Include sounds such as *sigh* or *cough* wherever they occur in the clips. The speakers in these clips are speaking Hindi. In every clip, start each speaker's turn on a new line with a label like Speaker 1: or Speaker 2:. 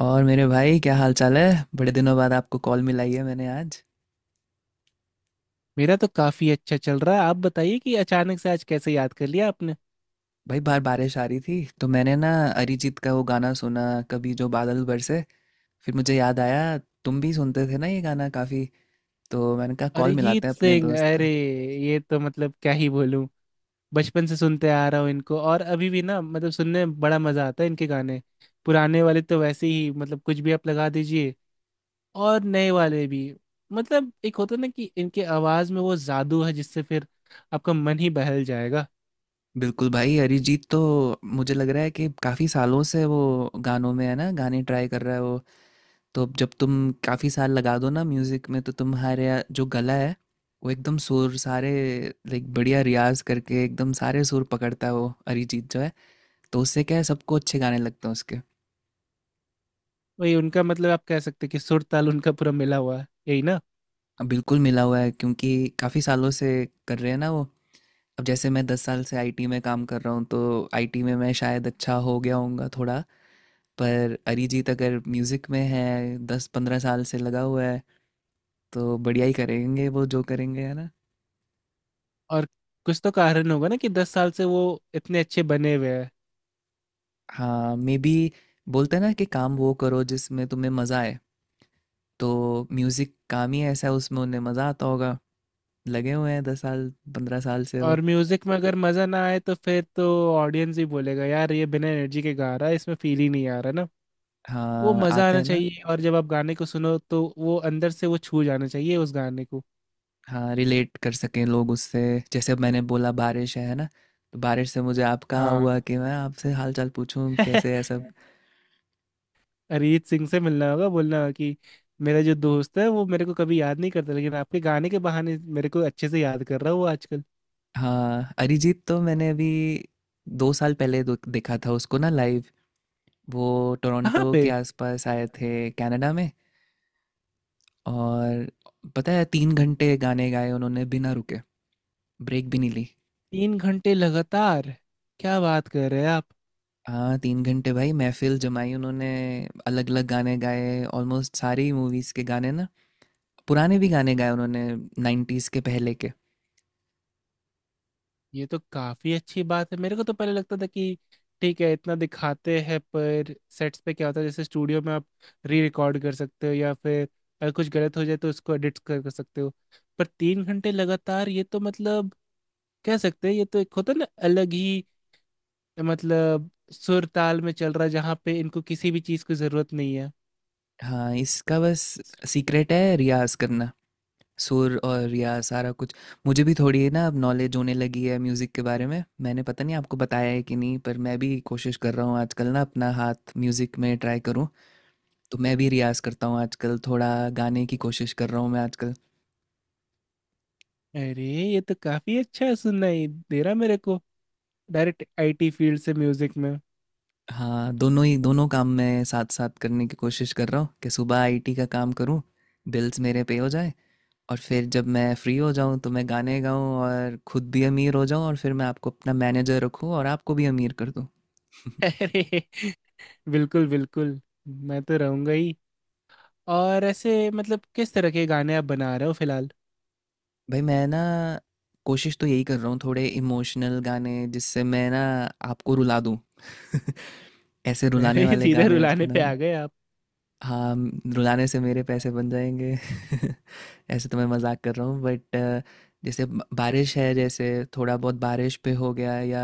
Speaker 1: और मेरे भाई, क्या हाल चाल है। बड़े दिनों बाद आपको कॉल मिलाई है मैंने आज।
Speaker 2: मेरा तो काफी अच्छा चल रहा है। आप बताइए कि अचानक से आज कैसे याद कर लिया आपने।
Speaker 1: भाई, बाहर बारिश आ रही थी तो मैंने ना अरिजीत का वो गाना सुना, कभी जो बादल बरसे। फिर मुझे याद आया तुम भी सुनते थे ना ये गाना काफ़ी। तो मैंने कहा कॉल मिलाते
Speaker 2: अरिजीत
Speaker 1: हैं अपने
Speaker 2: सिंह,
Speaker 1: दोस्त
Speaker 2: अरे
Speaker 1: का।
Speaker 2: ये तो मतलब क्या ही बोलूं। बचपन से सुनते आ रहा हूँ इनको, और अभी भी ना, मतलब सुनने में बड़ा मजा आता है इनके गाने। पुराने वाले तो वैसे ही मतलब कुछ भी आप लगा दीजिए, और नए वाले भी। मतलब एक होता ना कि इनके आवाज में वो जादू है जिससे फिर आपका मन ही बहल जाएगा।
Speaker 1: बिल्कुल भाई, अरिजीत तो मुझे लग रहा है कि काफ़ी सालों से वो गानों में है ना, गाने ट्राई कर रहा है वो। तो जब तुम काफ़ी साल लगा दो ना म्यूज़िक में तो तुम्हारे जो गला है वो एकदम सुर सारे। लाइक बढ़िया रियाज करके एकदम सारे सुर पकड़ता है वो अरिजीत जो है, तो उससे क्या है सबको अच्छे गाने लगते हैं उसके।
Speaker 2: वही उनका, मतलब आप कह सकते हैं कि सुर ताल उनका पूरा मिला हुआ है, यही ना।
Speaker 1: अब बिल्कुल मिला हुआ है क्योंकि काफ़ी सालों से कर रहे हैं ना वो। अब जैसे मैं 10 साल से आईटी में काम कर रहा हूँ तो आईटी में मैं शायद अच्छा हो गया होऊंगा थोड़ा। पर अरिजीत अगर म्यूज़िक में है 10-15 साल से लगा हुआ है, तो बढ़िया ही करेंगे वो जो करेंगे है ना।
Speaker 2: और कुछ तो कारण होगा ना कि 10 साल से वो इतने अच्छे बने हुए हैं।
Speaker 1: हाँ, मे बी। बोलते हैं ना कि काम वो करो जिसमें तुम्हें मज़ा आए। तो म्यूज़िक काम ही ऐसा है, उसमें उन्हें मज़ा आता होगा। लगे हुए हैं 10 साल, 15 साल से वो।
Speaker 2: और म्यूजिक में अगर मजा ना आए तो फिर तो ऑडियंस ही बोलेगा, यार ये बिना एनर्जी के गा रहा है, इसमें फील ही नहीं आ रहा ना। वो
Speaker 1: हाँ,
Speaker 2: मजा
Speaker 1: आते
Speaker 2: आना
Speaker 1: हैं ना।
Speaker 2: चाहिए, और जब आप गाने को सुनो तो वो अंदर से वो छू जाना चाहिए उस गाने को।
Speaker 1: हाँ, रिलेट कर सकें लोग उससे। जैसे अब मैंने बोला बारिश है ना। तो बारिश से मुझे आपका
Speaker 2: हाँ।
Speaker 1: हुआ कि मैं आपसे हाल चाल पूछूं कैसे
Speaker 2: *laughs*
Speaker 1: है सब।
Speaker 2: अरिजीत सिंह से मिलना होगा, बोलना होगा कि मेरा जो दोस्त है वो मेरे को कभी याद नहीं करता, लेकिन आपके गाने के बहाने मेरे को अच्छे से याद कर रहा है वो आजकल।
Speaker 1: हाँ, अरिजीत तो मैंने अभी 2 साल पहले देखा था उसको ना लाइव। वो
Speaker 2: कहाँ
Speaker 1: टोरंटो के
Speaker 2: पे।
Speaker 1: आसपास आए थे कनाडा में। और पता है 3 घंटे गाने गाए उन्होंने बिना रुके, ब्रेक भी नहीं ली।
Speaker 2: 3 घंटे लगातार? क्या बात कर रहे हैं आप।
Speaker 1: हाँ, 3 घंटे भाई महफ़िल जमाई उन्होंने, अलग-अलग गाने गाए, ऑलमोस्ट सारी मूवीज़ के गाने ना। पुराने भी गाने गाए उन्होंने 90s के पहले के।
Speaker 2: ये तो काफी अच्छी बात है। मेरे को तो पहले लगता था कि ठीक है इतना दिखाते हैं, पर सेट्स पे क्या होता है, जैसे स्टूडियो में आप री रिकॉर्ड कर सकते हो, या फिर अगर कुछ गलत हो जाए तो उसको एडिट कर सकते हो। पर 3 घंटे लगातार, ये तो मतलब कह सकते हैं ये तो एक होता है ना अलग ही। मतलब सुर ताल में चल रहा है जहाँ पे इनको किसी भी चीज की जरूरत नहीं है।
Speaker 1: हाँ, इसका बस सीक्रेट है रियाज़ करना, सुर और रियाज़ सारा कुछ। मुझे भी थोड़ी ना अब नॉलेज होने लगी है म्यूज़िक के बारे में। मैंने पता नहीं आपको बताया है कि नहीं, पर मैं भी कोशिश कर रहा हूँ आजकल ना अपना हाथ म्यूज़िक में ट्राई करूँ। तो मैं भी रियाज़ करता हूँ आजकल, थोड़ा गाने की कोशिश कर रहा हूँ मैं आजकल।
Speaker 2: अरे ये तो काफी अच्छा सुनाई दे रहा मेरे को। डायरेक्ट आईटी फील्ड से म्यूजिक में।
Speaker 1: हाँ, दोनों ही दोनों काम मैं साथ-साथ करने की कोशिश कर रहा हूँ कि सुबह आईटी का काम करूँ, बिल्स मेरे पे हो जाएँ और फिर जब मैं फ्री हो जाऊँ तो मैं गाने गाऊँ और खुद भी अमीर हो जाऊँ और फिर मैं आपको अपना मैनेजर रखूँ और आपको भी अमीर कर दूँ।
Speaker 2: *laughs*
Speaker 1: *laughs*
Speaker 2: अरे बिल्कुल बिल्कुल, मैं तो रहूंगा ही। और ऐसे मतलब किस तरह के गाने आप बना रहे हो फिलहाल।
Speaker 1: भई, मैं ना कोशिश तो यही कर रहा हूँ थोड़े इमोशनल गाने जिससे मैं ना आपको रुला दूँ। *laughs* ऐसे रुलाने
Speaker 2: अरे *laughs*
Speaker 1: वाले
Speaker 2: सीधे
Speaker 1: गाने
Speaker 2: रुलाने पे आ
Speaker 1: बनाने।
Speaker 2: गए आप।
Speaker 1: हाँ, रुलाने से मेरे पैसे बन जाएंगे। *laughs* ऐसे तो मैं मजाक कर रहा हूँ बट जैसे बारिश है, जैसे थोड़ा बहुत बारिश पे हो गया, या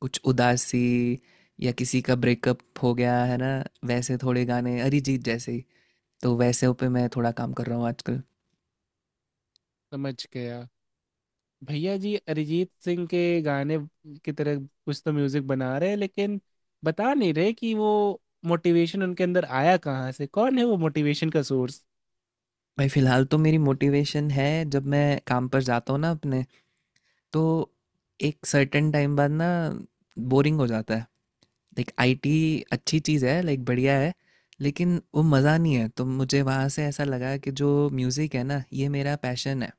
Speaker 1: कुछ उदासी, या किसी का ब्रेकअप हो गया है ना, वैसे थोड़े गाने अरिजीत जैसे ही। तो वैसे पे मैं थोड़ा काम कर रहा हूँ आजकल।
Speaker 2: समझ गया, भैया जी अरिजीत सिंह के गाने की तरह कुछ तो म्यूजिक बना रहे हैं, लेकिन बता नहीं रहे कि वो मोटिवेशन उनके अंदर आया कहाँ से, कौन है वो मोटिवेशन का सोर्स।
Speaker 1: भाई, फिलहाल तो मेरी मोटिवेशन है जब मैं काम पर जाता हूँ ना अपने, तो एक सर्टेन टाइम बाद ना बोरिंग हो जाता है। लाइक आईटी अच्छी चीज़ है, लाइक बढ़िया है, लेकिन वो मज़ा नहीं है। तो मुझे वहाँ से ऐसा लगा कि जो म्यूज़िक है ना ये मेरा पैशन है।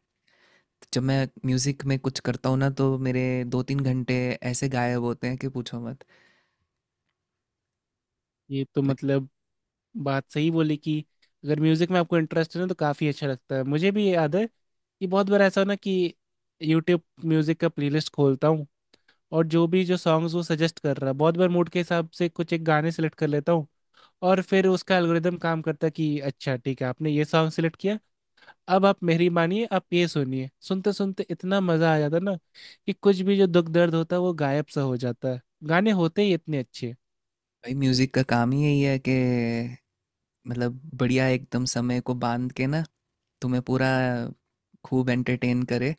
Speaker 1: जब मैं म्यूज़िक में कुछ करता हूँ ना तो मेरे 2-3 घंटे ऐसे गायब होते हैं कि पूछो मत।
Speaker 2: ये तो
Speaker 1: तो
Speaker 2: मतलब बात सही बोली कि अगर म्यूजिक में आपको इंटरेस्ट है ना तो काफी अच्छा लगता है। मुझे भी याद है कि बहुत बार ऐसा होना कि यूट्यूब म्यूजिक का प्लेलिस्ट खोलता हूँ, और जो भी जो सॉन्ग्स वो सजेस्ट कर रहा है बहुत बार मूड के हिसाब से कुछ एक गाने सेलेक्ट कर लेता हूँ, और फिर उसका एल्गोरिदम काम करता है कि अच्छा ठीक है, आपने ये सॉन्ग सेलेक्ट किया, अब आप मेरी मानिए, आप ये सुनिए। सुनते सुनते इतना मजा आ जाता है ना कि कुछ भी जो दुख दर्द होता है वो गायब सा हो जाता है, गाने होते ही इतने अच्छे।
Speaker 1: भाई, म्यूज़िक का काम ही यही है कि, मतलब, बढ़िया एकदम समय को बांध के ना तुम्हें पूरा खूब एंटरटेन करे।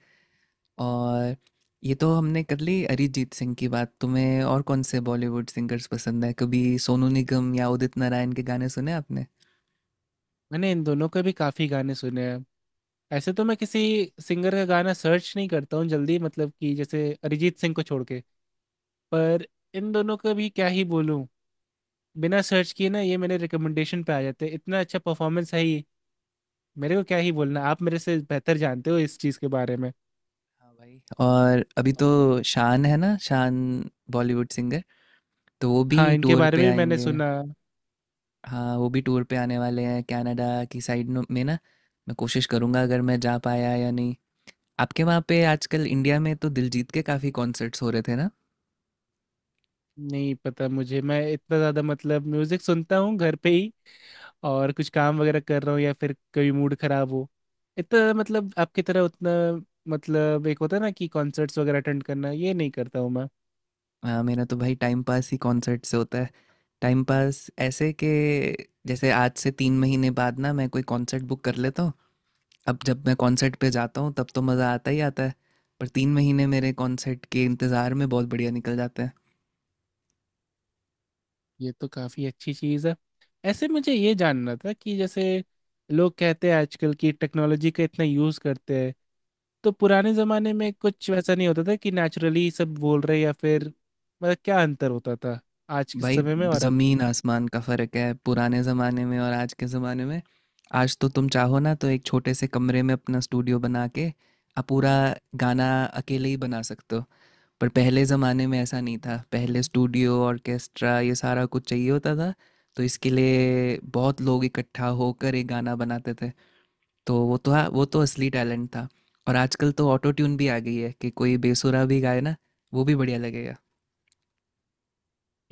Speaker 1: और ये तो हमने कर ली अरिजीत सिंह की बात। तुम्हें और कौन से बॉलीवुड सिंगर्स पसंद है? कभी सोनू निगम या उदित नारायण के गाने सुने आपने?
Speaker 2: मैंने इन दोनों के भी काफी गाने सुने हैं। ऐसे तो मैं किसी सिंगर का गाना सर्च नहीं करता हूँ जल्दी, मतलब कि जैसे अरिजीत सिंह को छोड़ के। पर इन दोनों का भी क्या ही बोलूँ, बिना सर्च किए ना ये मेरे रिकमेंडेशन पे आ जाते हैं, इतना अच्छा परफॉर्मेंस है ही। मेरे को क्या ही बोलना, आप मेरे से बेहतर जानते हो इस चीज़ के बारे में।
Speaker 1: हाँ भाई, और अभी तो शान है ना, शान बॉलीवुड सिंगर, तो वो भी
Speaker 2: हाँ इनके
Speaker 1: टूर
Speaker 2: बारे
Speaker 1: पे
Speaker 2: में भी मैंने
Speaker 1: आएंगे।
Speaker 2: सुना।
Speaker 1: हाँ, वो भी टूर पे आने वाले हैं कनाडा की साइड में ना। मैं कोशिश करूँगा अगर मैं जा पाया या नहीं। आपके वहाँ पे आजकल इंडिया में तो दिलजीत के काफ़ी कॉन्सर्ट्स हो रहे थे ना।
Speaker 2: नहीं पता मुझे, मैं इतना ज़्यादा मतलब म्यूज़िक सुनता हूँ घर पे ही, और कुछ काम वगैरह कर रहा हूँ या फिर कभी मूड खराब हो। इतना मतलब आपकी तरह उतना, मतलब एक होता है ना कि कॉन्सर्ट्स वगैरह अटेंड करना, ये नहीं करता हूँ मैं।
Speaker 1: हाँ, मेरा तो भाई टाइम पास ही कॉन्सर्ट से होता है। टाइम पास ऐसे के जैसे आज से 3 महीने बाद ना मैं कोई कॉन्सर्ट बुक कर लेता हूँ। अब जब मैं कॉन्सर्ट पे जाता हूँ तब तो मज़ा आता ही आता है, पर 3 महीने मेरे कॉन्सर्ट के इंतज़ार में बहुत बढ़िया निकल जाते हैं।
Speaker 2: ये तो काफी अच्छी चीज है। ऐसे मुझे ये जानना था कि जैसे लोग कहते हैं आजकल की टेक्नोलॉजी का इतना यूज करते हैं, तो पुराने जमाने में कुछ वैसा नहीं होता था कि नेचुरली सब बोल रहे, या फिर मतलब क्या अंतर होता था आज के
Speaker 1: भाई,
Speaker 2: समय में और अभी।
Speaker 1: जमीन आसमान का फर्क है पुराने जमाने में और आज के जमाने में। आज तो तुम चाहो ना तो एक छोटे से कमरे में अपना स्टूडियो बना के आप पूरा गाना अकेले ही बना सकते हो। पर पहले जमाने में ऐसा नहीं था, पहले स्टूडियो ऑर्केस्ट्रा ये सारा कुछ चाहिए होता था, तो इसके लिए बहुत लोग इकट्ठा होकर एक गाना बनाते थे। तो वो तो, हाँ, वो तो असली टैलेंट था। और आजकल तो ऑटो ट्यून भी आ गई है कि कोई बेसुरा भी गाए ना वो भी बढ़िया लगेगा।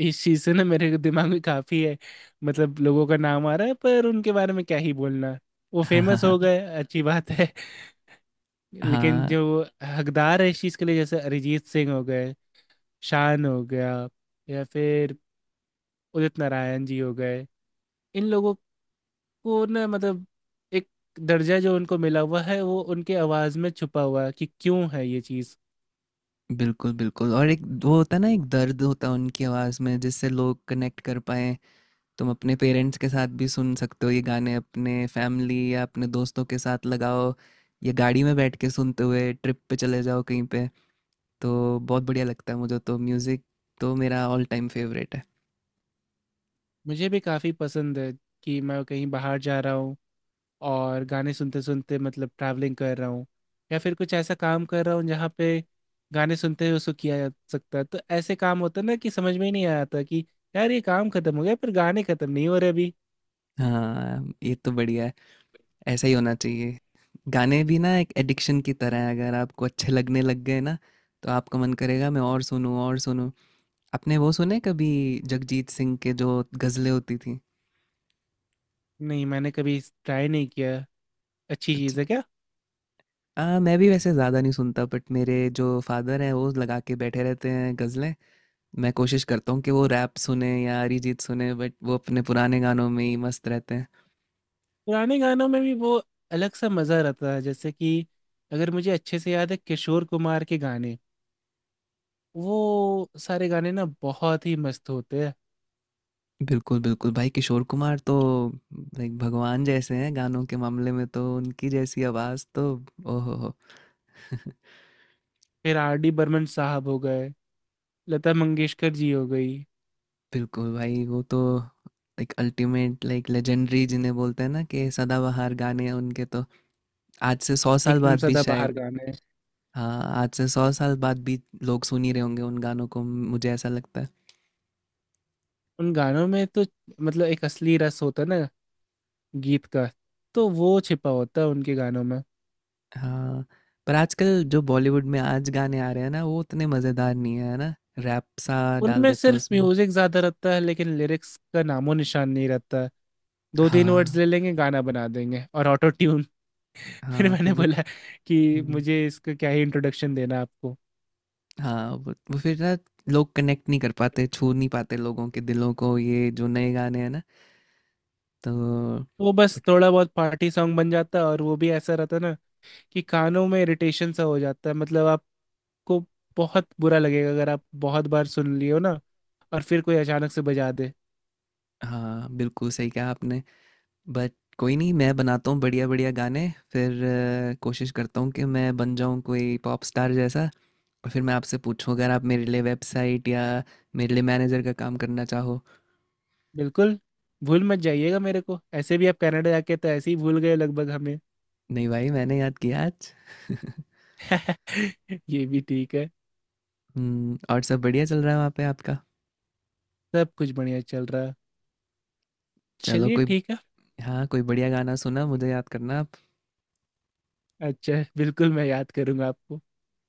Speaker 2: इस चीज से ना मेरे दिमाग में काफी है, मतलब लोगों का नाम आ रहा है पर उनके बारे में क्या ही बोलना। वो
Speaker 1: *laughs* हाँ,
Speaker 2: फेमस
Speaker 1: हाँ।
Speaker 2: हो गए, अच्छी बात है। *laughs* लेकिन
Speaker 1: हाँ,
Speaker 2: जो हकदार है इस चीज के लिए, जैसे अरिजीत सिंह हो गए, शान हो गया, या फिर उदित नारायण जी हो गए, इन लोगों को ना मतलब एक दर्जा जो उनको मिला हुआ है वो उनके आवाज़ में छुपा हुआ है कि क्यों है ये चीज़।
Speaker 1: बिल्कुल, बिल्कुल, और एक वो होता है ना, एक दर्द होता है उनकी आवाज़ में जिससे लोग कनेक्ट कर पाएँ। तुम अपने पेरेंट्स के साथ भी सुन सकते हो ये गाने, अपने फैमिली या अपने दोस्तों के साथ लगाओ, या गाड़ी में बैठ के सुनते हुए ट्रिप पे चले जाओ कहीं पे। तो बहुत बढ़िया लगता है मुझे, तो म्यूज़िक तो मेरा ऑल टाइम फेवरेट है।
Speaker 2: मुझे भी काफ़ी पसंद है, कि मैं कहीं बाहर जा रहा हूँ और गाने सुनते सुनते मतलब ट्रैवलिंग कर रहा हूँ, या फिर कुछ ऐसा काम कर रहा हूँ जहाँ पे गाने सुनते हुए उसको किया जा सकता है, तो ऐसे काम होता है ना कि समझ में ही नहीं आता कि यार ये काम खत्म हो गया पर गाने खत्म नहीं हो रहे अभी।
Speaker 1: हाँ, ये तो बढ़िया है, ऐसा ही होना चाहिए। गाने भी ना एक एडिक्शन की तरह है, अगर आपको अच्छे लगने लग गए ना, तो आपका मन करेगा मैं और सुनूँ, और सुनूँ। आपने वो सुने कभी जगजीत सिंह के जो गज़लें होती थी?
Speaker 2: नहीं, मैंने कभी ट्राई नहीं किया। अच्छी
Speaker 1: अच्छा।
Speaker 2: चीज़ है क्या?
Speaker 1: हाँ, मैं भी वैसे ज़्यादा नहीं सुनता बट मेरे जो फादर हैं वो लगा के बैठे रहते हैं गज़लें। मैं कोशिश करता हूँ कि वो रैप सुने या अरिजीत सुने, बट वो अपने पुराने गानों में ही मस्त रहते हैं।
Speaker 2: पुराने गानों में भी वो अलग सा मजा रहता है, जैसे कि अगर मुझे अच्छे से याद है किशोर कुमार के गाने, वो सारे गाने ना बहुत ही मस्त होते हैं।
Speaker 1: बिल्कुल बिल्कुल भाई, किशोर कुमार तो लाइक भगवान जैसे हैं गानों के मामले में, तो उनकी जैसी आवाज़ तो, ओहो हो। *laughs*
Speaker 2: फिर आर डी बर्मन साहब हो गए, लता मंगेशकर जी हो गई।
Speaker 1: बिल्कुल भाई, वो तो लाइक अल्टीमेट, लाइक लेजेंडरी जिन्हें बोलते हैं ना कि सदाबहार गाने उनके तो, आज से 100 साल
Speaker 2: एकदम
Speaker 1: बाद भी
Speaker 2: सदाबहार
Speaker 1: शायद।
Speaker 2: गाने।
Speaker 1: हाँ, आज से 100 साल बाद भी लोग सुन ही रहे होंगे उन गानों को मुझे ऐसा लगता है।
Speaker 2: उन गानों में तो मतलब एक असली रस होता है ना गीत का, तो वो छिपा होता है उनके गानों में।
Speaker 1: हाँ, पर आजकल जो बॉलीवुड में आज गाने आ रहे हैं ना वो उतने मज़ेदार नहीं है, है ना, रैप सा डाल
Speaker 2: उनमें
Speaker 1: देते हैं
Speaker 2: सिर्फ
Speaker 1: उसमें।
Speaker 2: म्यूजिक ज्यादा रहता है लेकिन लिरिक्स का नामो निशान नहीं रहता है। दो तीन वर्ड्स
Speaker 1: हाँ,
Speaker 2: ले लेंगे, गाना बना देंगे, और ऑटो। फिर
Speaker 1: हाँ, फिर
Speaker 2: मैंने
Speaker 1: वो।
Speaker 2: बोला कि
Speaker 1: हम्म,
Speaker 2: मुझे इसका क्या ही इंट्रोडक्शन देना आपको।
Speaker 1: हाँ, वो फिर ना लोग कनेक्ट नहीं कर पाते छू नहीं पाते लोगों के दिलों को ये जो नए गाने हैं ना, तो
Speaker 2: वो बस
Speaker 1: बट।
Speaker 2: थोड़ा बहुत पार्टी सॉन्ग बन जाता, और वो भी ऐसा रहता ना कि कानों में इरिटेशन सा हो जाता है, मतलब आपको बहुत बुरा लगेगा अगर आप बहुत बार सुन लियो ना, और फिर कोई अचानक से बजा दे।
Speaker 1: हाँ, बिल्कुल सही कहा आपने। बट कोई नहीं, मैं बनाता हूँ बढ़िया बढ़िया गाने। फिर कोशिश करता हूँ कि मैं बन जाऊँ कोई पॉप स्टार जैसा, और फिर मैं आपसे पूछूँ अगर आप मेरे लिए वेबसाइट या मेरे लिए मैनेजर का काम करना चाहो।
Speaker 2: बिल्कुल। भूल मत जाइएगा मेरे को, ऐसे भी आप कनाडा जाके तो ऐसे ही भूल गए लगभग हमें।
Speaker 1: नहीं भाई, मैंने याद किया आज। *laughs*
Speaker 2: *laughs* ये भी ठीक है।
Speaker 1: और सब बढ़िया चल रहा है वहाँ पे आपका?
Speaker 2: सब कुछ बढ़िया चल रहा है।
Speaker 1: चलो
Speaker 2: चलिए
Speaker 1: कोई।
Speaker 2: ठीक है।
Speaker 1: हाँ, कोई बढ़िया गाना सुना मुझे याद करना आप।
Speaker 2: अच्छा बिल्कुल, मैं याद करूंगा आपको।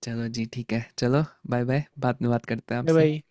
Speaker 1: चलो जी, ठीक है, चलो। बाय बाय, बाद में बात करते हैं
Speaker 2: बाय
Speaker 1: आपसे।
Speaker 2: बाय।